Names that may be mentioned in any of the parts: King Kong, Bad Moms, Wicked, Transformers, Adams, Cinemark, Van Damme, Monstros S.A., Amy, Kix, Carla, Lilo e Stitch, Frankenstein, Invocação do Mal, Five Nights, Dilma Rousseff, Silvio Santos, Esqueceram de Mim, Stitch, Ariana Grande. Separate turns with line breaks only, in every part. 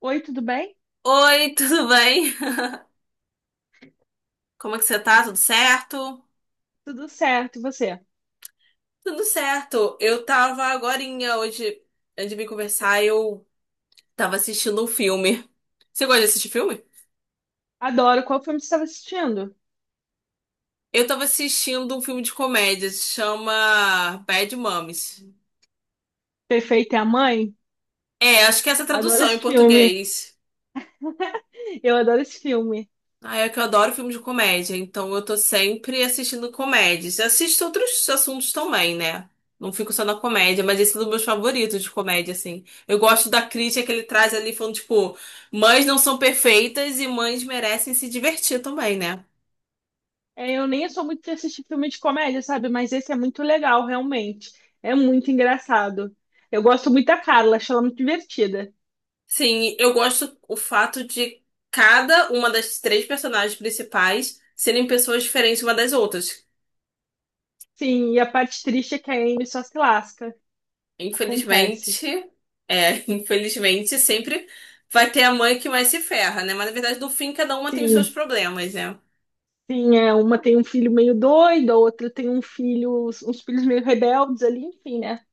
Oi, tudo bem?
Oi, tudo bem? Como é que você tá? Tudo certo?
Tudo certo, e você?
Tudo certo. Eu tava agorinha hoje, antes de vir conversar, eu tava assistindo um filme. Você gosta de assistir filme?
Adoro. Qual filme você estava assistindo?
Eu tava assistindo um filme de comédia, se chama Bad Moms.
Perfeita é a Mãe?
É, acho que essa é a
Adoro
tradução em
esse filme.
português.
Eu adoro esse filme.
Ah, é que eu adoro filme de comédia, então eu tô sempre assistindo comédias. Assisto outros assuntos também, né? Não fico só na comédia, mas esse é um dos meus favoritos de comédia, assim. Eu gosto da crítica que ele traz ali, falando, tipo, mães não são perfeitas e mães merecem se divertir também, né?
É, eu nem sou muito de assistir filme de comédia, sabe? Mas esse é muito legal, realmente. É muito engraçado. Eu gosto muito da Carla, acho ela muito divertida.
Sim, eu gosto o fato de cada uma das três personagens principais serem pessoas diferentes uma das outras.
Sim, e a parte triste é que a Amy só se lasca. Acontece.
Infelizmente, é, infelizmente sempre vai ter a mãe que mais se ferra, né? Mas na verdade, no fim, cada uma tem os seus
Sim,
problemas, né?
sim, é, uma tem um filho meio doido, a outra tem um filho, uns filhos meio rebeldes ali, enfim, né?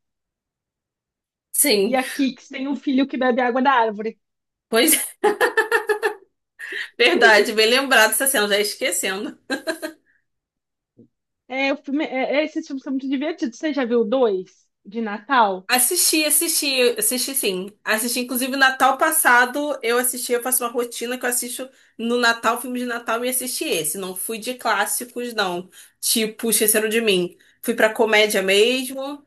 E
Sim,
a Kix tem um filho que bebe água da árvore.
pois é, verdade, bem lembrado essa cena, já ia esquecendo.
É, o filme, é, esses filmes são muito divertidos. Você já viu dois de Natal?
Assisti sim. Assisti, inclusive, Natal passado eu assisti, eu faço uma rotina que eu assisto no Natal, filme de Natal, e assisti esse. Não fui de clássicos, não. Tipo, Esqueceram de Mim. Fui pra comédia mesmo.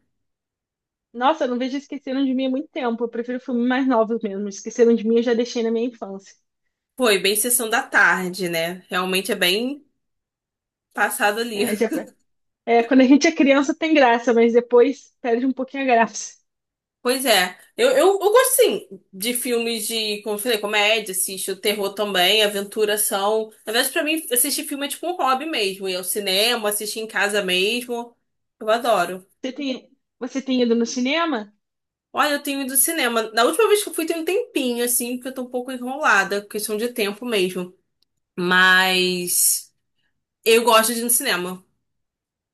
Nossa, eu não vejo Esqueceram de Mim há muito tempo. Eu prefiro filmes mais novos mesmo. Esqueceram de Mim eu já deixei na minha infância.
Foi bem sessão da tarde, né? Realmente é bem passado ali.
É, é, quando a gente é criança tem graça, mas depois perde um pouquinho a graça.
Pois é. Eu gosto, sim, de filmes de, como eu falei, comédia, assisto terror também, aventura, ação. Na verdade, pra mim, assistir filme é tipo um hobby mesmo. Ir ao cinema, assistir em casa mesmo. Eu adoro.
Você tem ido no cinema?
Olha, eu tenho ido ao cinema. Na última vez que eu fui, tem um tempinho, assim, porque eu tô um pouco enrolada, questão de tempo mesmo. Mas eu gosto de ir no cinema.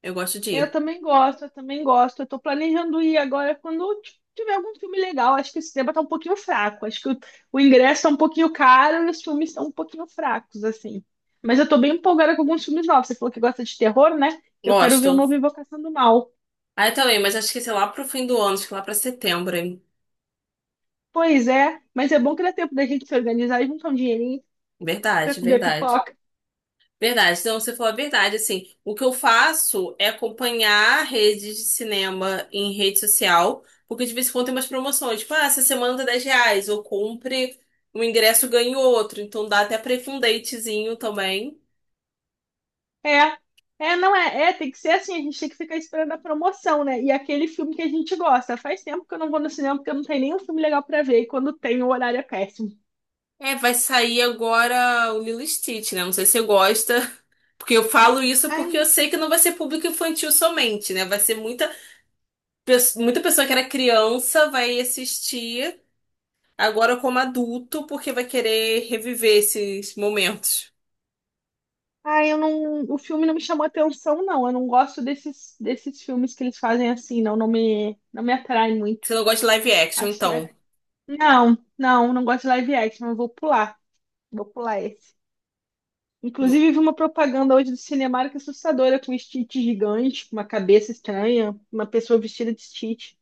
Eu gosto de
Eu
ir.
também gosto, eu também gosto. Eu tô planejando ir agora quando tiver algum filme legal. Acho que esse tema tá um pouquinho fraco. O ingresso tá um pouquinho caro e os filmes estão um pouquinho fracos, assim. Mas eu tô bem empolgada com alguns filmes novos. Você falou que gosta de terror, né? Eu quero ver o
Gosto.
novo Invocação do Mal.
Ah, eu também, mas acho que sei lá pro fim do ano, acho que lá pra setembro, hein?
Pois é, mas é bom que dá tempo da gente se organizar e juntar um dinheirinho pra
Verdade,
comer
verdade.
pipoca.
Verdade, então você falou a verdade, assim, o que eu faço é acompanhar redes de cinema em rede social, porque de vez em quando tem umas promoções, tipo, ah, essa semana tá 10 reais, ou compre um ingresso, ganhe outro, então dá até pra ir com um datezinho também.
É, é, não é, é, tem que ser assim, a gente tem que ficar esperando a promoção, né? E aquele filme que a gente gosta. Faz tempo que eu não vou no cinema porque não tem nenhum filme legal pra ver, e quando tem, o horário é péssimo.
É, vai sair agora o Lilo e Stitch, né, não sei se você gosta, porque eu falo isso porque
Ai,
eu sei que não vai ser público infantil somente, né, vai ser muita, muita pessoa que era criança vai assistir, agora como adulto, porque vai querer reviver esses momentos.
ai, eu não, o filme não me chamou atenção, não. Eu não gosto desses filmes que eles fazem assim, não, não me atrai
Você
muito.
não gosta de live action,
Acho que
então.
é. Não, não, não gosto de live action, eu vou pular. Vou pular esse.
Vo-
Inclusive, vi uma propaganda hoje do Cinemark assustadora com um Stitch gigante, com uma cabeça estranha, uma pessoa vestida de Stitch.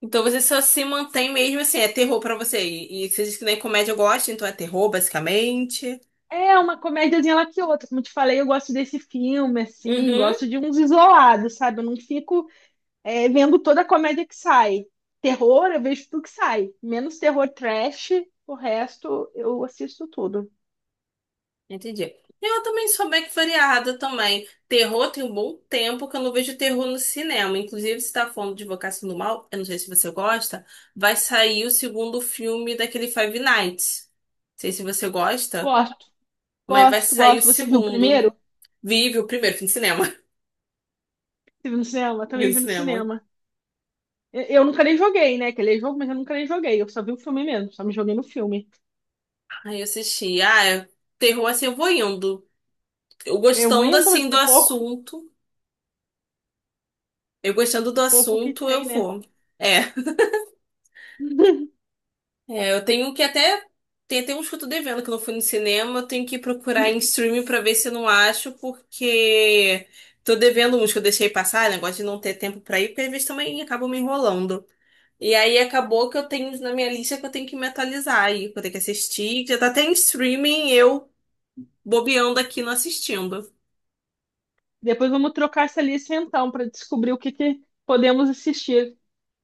Então você só se mantém mesmo assim, é terror pra você. E você diz que nem comédia gosta, então é terror, basicamente.
É uma comédiazinha lá que outra. Como te falei, eu gosto desse filme, assim,
Uhum,
gosto de uns isolados, sabe? Eu não fico é, vendo toda a comédia que sai. Terror, eu vejo tudo que sai. Menos terror trash, o resto eu assisto tudo.
entendi. Eu também sou bem que variada também. Terror tem um bom tempo que eu não vejo terror no cinema. Inclusive, se tá falando de Invocação do Mal, eu não sei se você gosta, vai sair o segundo filme daquele Five Nights. Não sei se você gosta,
Gosto,
mas vai
gosto,
sair o
gosto. Você viu o
segundo.
primeiro?
Vive o primeiro, fui no cinema.
Você viu no cinema? Eu
Vi
também
no
vi no
cinema.
cinema. Eu nunca nem joguei, né? Que aquele jogo, mas eu nunca nem joguei. Eu só vi o filme mesmo, só me joguei no filme.
Aí eu assisti. Terror assim, eu vou indo. Eu
Eu vou
gostando
indo,
assim do
porque
assunto. Eu gostando
é
do
pouco que
assunto, eu
tem, né?
vou. É. É, eu tenho que até. Tem até uns que eu tô devendo que eu não fui no cinema. Eu tenho que procurar em streaming pra ver se eu não acho, porque tô devendo uns que eu deixei passar, negócio de não ter tempo pra ir, porque às vezes também acabam me enrolando. E aí acabou que eu tenho uns na minha lista que eu tenho que me atualizar aí, que eu tenho que assistir, que já tá até em streaming, eu bobeando aqui não assistindo.
Depois vamos trocar essa lista então para descobrir que podemos assistir.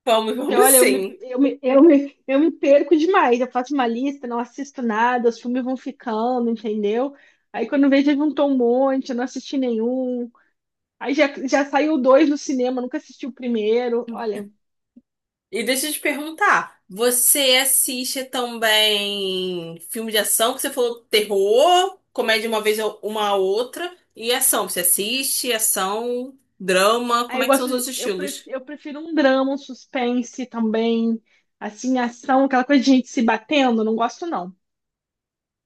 Vamos,
Porque
vamos
olha, eu me,
sim.
eu me, eu me, eu me perco demais. Eu faço uma lista, não assisto nada, os filmes vão ficando, entendeu? Aí quando vejo, já juntou um monte, eu não assisti nenhum. Já saiu dois no cinema, eu nunca assisti o primeiro. Olha,
E deixa eu te perguntar, você assiste também filme de ação, que você falou terror, comédia uma vez uma a outra, e ação, você assiste ação, drama,
aí
como
eu
é que são
gosto,
os outros estilos?
eu prefiro um drama, um suspense também, assim, ação, aquela coisa de gente se batendo, não gosto não.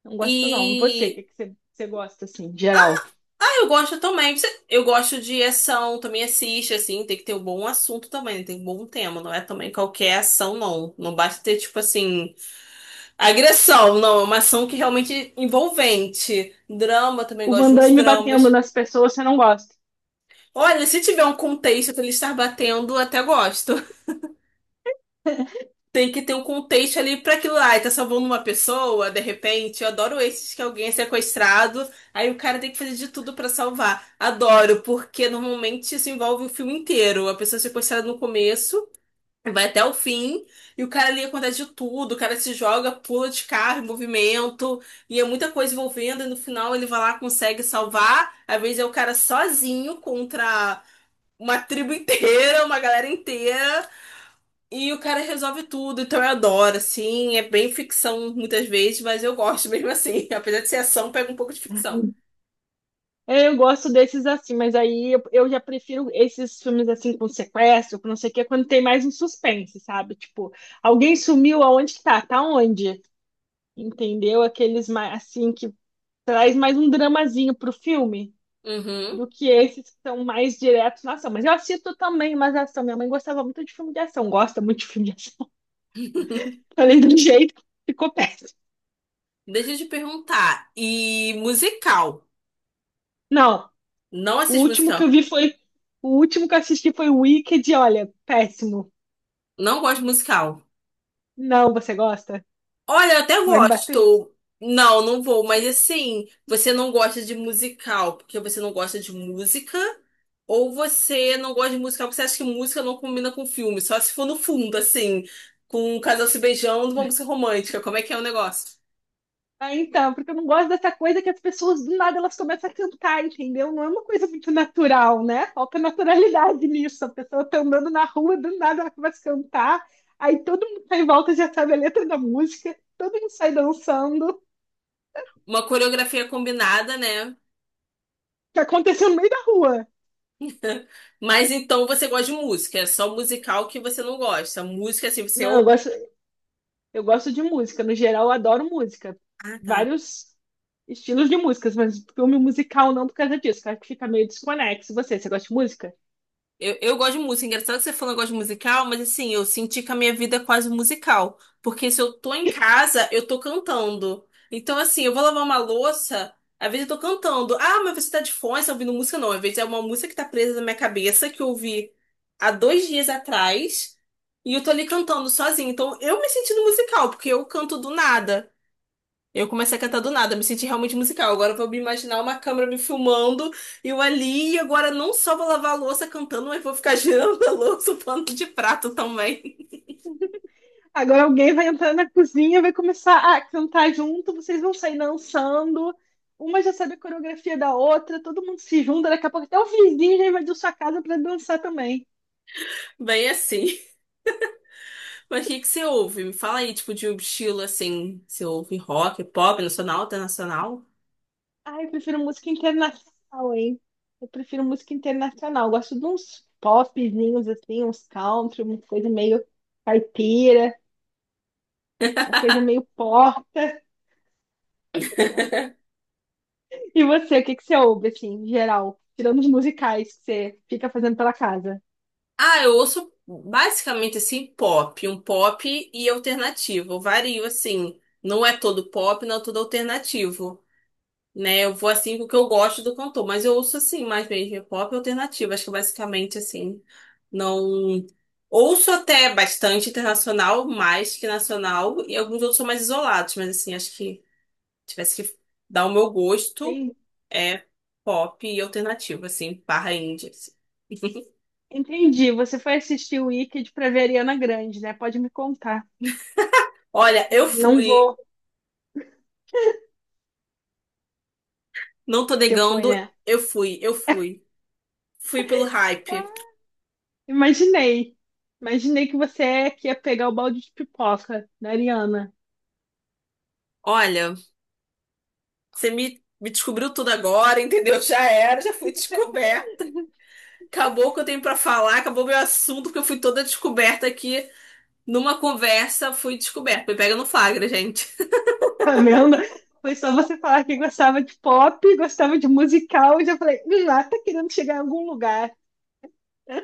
Não gosto não. E você,
E
que você, você gosta assim, geral?
eu gosto também, eu gosto de ação, também assiste assim, tem que ter um bom assunto também, né? Tem um bom tema, não é também qualquer ação não, não basta ter tipo assim agressão, não, é uma ação que realmente envolvente. Drama, também
O
gosto
Van
de uns
Damme batendo
dramas.
nas pessoas, você não gosta.
Olha, se tiver um contexto pra ele estar batendo, até gosto. Tem que ter um contexto ali pra aquilo lá. E tá salvando uma pessoa, de repente. Eu adoro esses que alguém é sequestrado, aí o cara tem que fazer de tudo pra salvar. Adoro, porque normalmente isso envolve o filme inteiro. A pessoa é sequestrada no começo. Vai até o fim e o cara ali acontece de tudo. O cara se joga, pula de carro, em movimento, e é muita coisa envolvendo. E no final ele vai lá, consegue salvar. Às vezes é o cara sozinho contra uma tribo inteira, uma galera inteira, e o cara resolve tudo. Então eu adoro, assim. É bem ficção muitas vezes, mas eu gosto mesmo assim. Apesar de ser ação, pega um pouco de ficção.
Eu gosto desses assim, mas eu já prefiro esses filmes assim com sequestro, com não sei o quê, quando tem mais um suspense, sabe? Tipo, alguém sumiu, aonde que tá? Tá onde? Entendeu? Aqueles mais assim que traz mais um dramazinho pro filme
Uhum.
do que esses que são mais diretos na ação. Mas eu assisto também mais ação. Minha mãe gostava muito de filme de ação, gosta muito de filme de ação. Falei do jeito, ficou péssimo.
Deixa eu te perguntar. E musical?
Não,
Não
o
assisto
último que eu
musical.
vi foi. O último que eu assisti foi o Wicked, e olha, péssimo.
Não gosto de musical.
Não, você gosta?
Olha, eu até
Vai me bater?
gosto. Não, não vou, mas assim, você não gosta de musical porque você não gosta de música, ou você não gosta de musical porque você acha que música não combina com filme, só se for no fundo, assim, com um casal se beijando, uma música romântica. Como é que é o negócio?
Ah, então, porque eu não gosto dessa coisa que as pessoas do nada elas começam a cantar, entendeu? Não é uma coisa muito natural, né? Falta naturalidade nisso. A pessoa tá andando na rua, do nada ela começa a cantar, aí todo mundo tá em volta já sabe a letra da música, todo mundo sai dançando,
Uma coreografia combinada, né?
que aconteceu no meio da rua.
Mas então você gosta de música, é só musical que você não gosta. Música, assim, você
Não,
ou.
eu gosto. Eu gosto de música, no geral eu adoro música.
Ah, tá.
Vários estilos de músicas, mas filme musical não por causa disso, que eu acho que fica meio desconexo. Você gosta de música?
Eu gosto de música. É engraçado que você falou que gosta de musical, mas assim, eu senti que a minha vida é quase um musical. Porque se eu tô em casa, eu tô cantando. Então, assim, eu vou lavar uma louça, às vezes eu tô cantando. Ah, mas você tá de fone, você tá ouvindo música? Não, às vezes é uma música que tá presa na minha cabeça, que eu ouvi há dois dias atrás, e eu tô ali cantando sozinha. Então, eu me senti no musical, porque eu canto do nada. Eu comecei a cantar do nada, me senti realmente musical. Agora eu vou me imaginar uma câmera me filmando, eu ali, e agora não só vou lavar a louça cantando, mas vou ficar girando a louça, o pano de prato também.
Agora alguém vai entrar na cozinha, vai começar a cantar junto, vocês vão sair dançando. Uma já sabe a coreografia da outra, todo mundo se junta, daqui a pouco até o vizinho já invadiu sua casa para dançar também.
Bem assim. Mas o que que você ouve? Me fala aí, tipo, de um estilo assim, você ouve rock, pop, nacional, internacional?
Ai, eu prefiro música internacional, hein? Eu prefiro música internacional. Eu gosto de uns popzinhos assim, uns country, uma coisa meio caipira. Uma coisa meio pó. E você, o que você ouve, assim, em geral? Tirando os musicais que você fica fazendo pela casa.
Ah, eu ouço basicamente assim, pop, um pop e alternativo. Eu vario assim, não é todo pop, não é todo alternativo. Né? Eu vou assim com o que eu gosto do cantor, mas eu ouço assim mais mesmo pop e alternativo, acho que basicamente assim, não ouço até bastante internacional, mais que nacional, e alguns outros são mais isolados, mas assim, acho que tivesse que dar o meu gosto
Tem-
é pop e alternativo, assim, barra indie. Assim.
Entendi. Você foi assistir o Wicked pra ver a Ariana Grande, né? Pode me contar.
Olha, eu
Não
fui,
vou.
não tô
Você foi,
negando,
né?
eu fui. Fui pelo
Ah,
hype.
imaginei. Imaginei que você é que ia pegar o balde de pipoca da Ariana.
Olha, me descobriu tudo agora, entendeu? Já era, já fui descoberta. Acabou o que eu tenho pra falar, acabou meu assunto, porque eu fui toda descoberta aqui numa conversa, fui descoberta. Me pega no flagra, gente.
Tá vendo? Foi só você falar que gostava de pop, gostava de musical, e já falei, lá tá querendo chegar em algum lugar.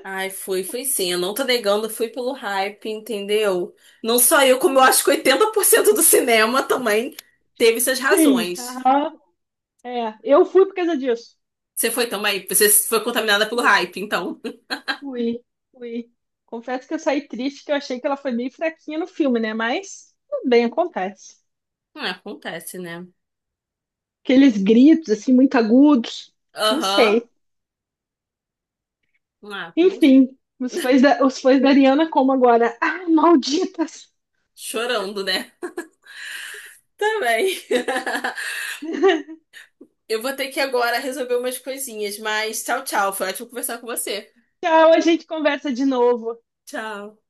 Ai, fui sim. Eu não tô negando, fui pelo hype, entendeu? Não só eu, como eu acho que 80% do cinema também teve suas
Sim.
razões.
Aham. É. Eu fui por causa disso.
Você foi contaminada pelo hype, então.
Fui, fui. Confesso que eu saí triste, que eu achei que ela foi meio fraquinha no filme, né? Mas tudo bem, acontece.
Ah, acontece, né?
Aqueles gritos, assim, muito agudos. Não
Aham.
sei.
Ah, mas
Enfim, os fãs da Ariana como agora? Ah, malditas!
chorando, né? Também. Eu vou ter que agora resolver umas coisinhas, mas tchau, tchau. Foi ótimo conversar com você.
Tchau, a gente conversa de novo.
Tchau.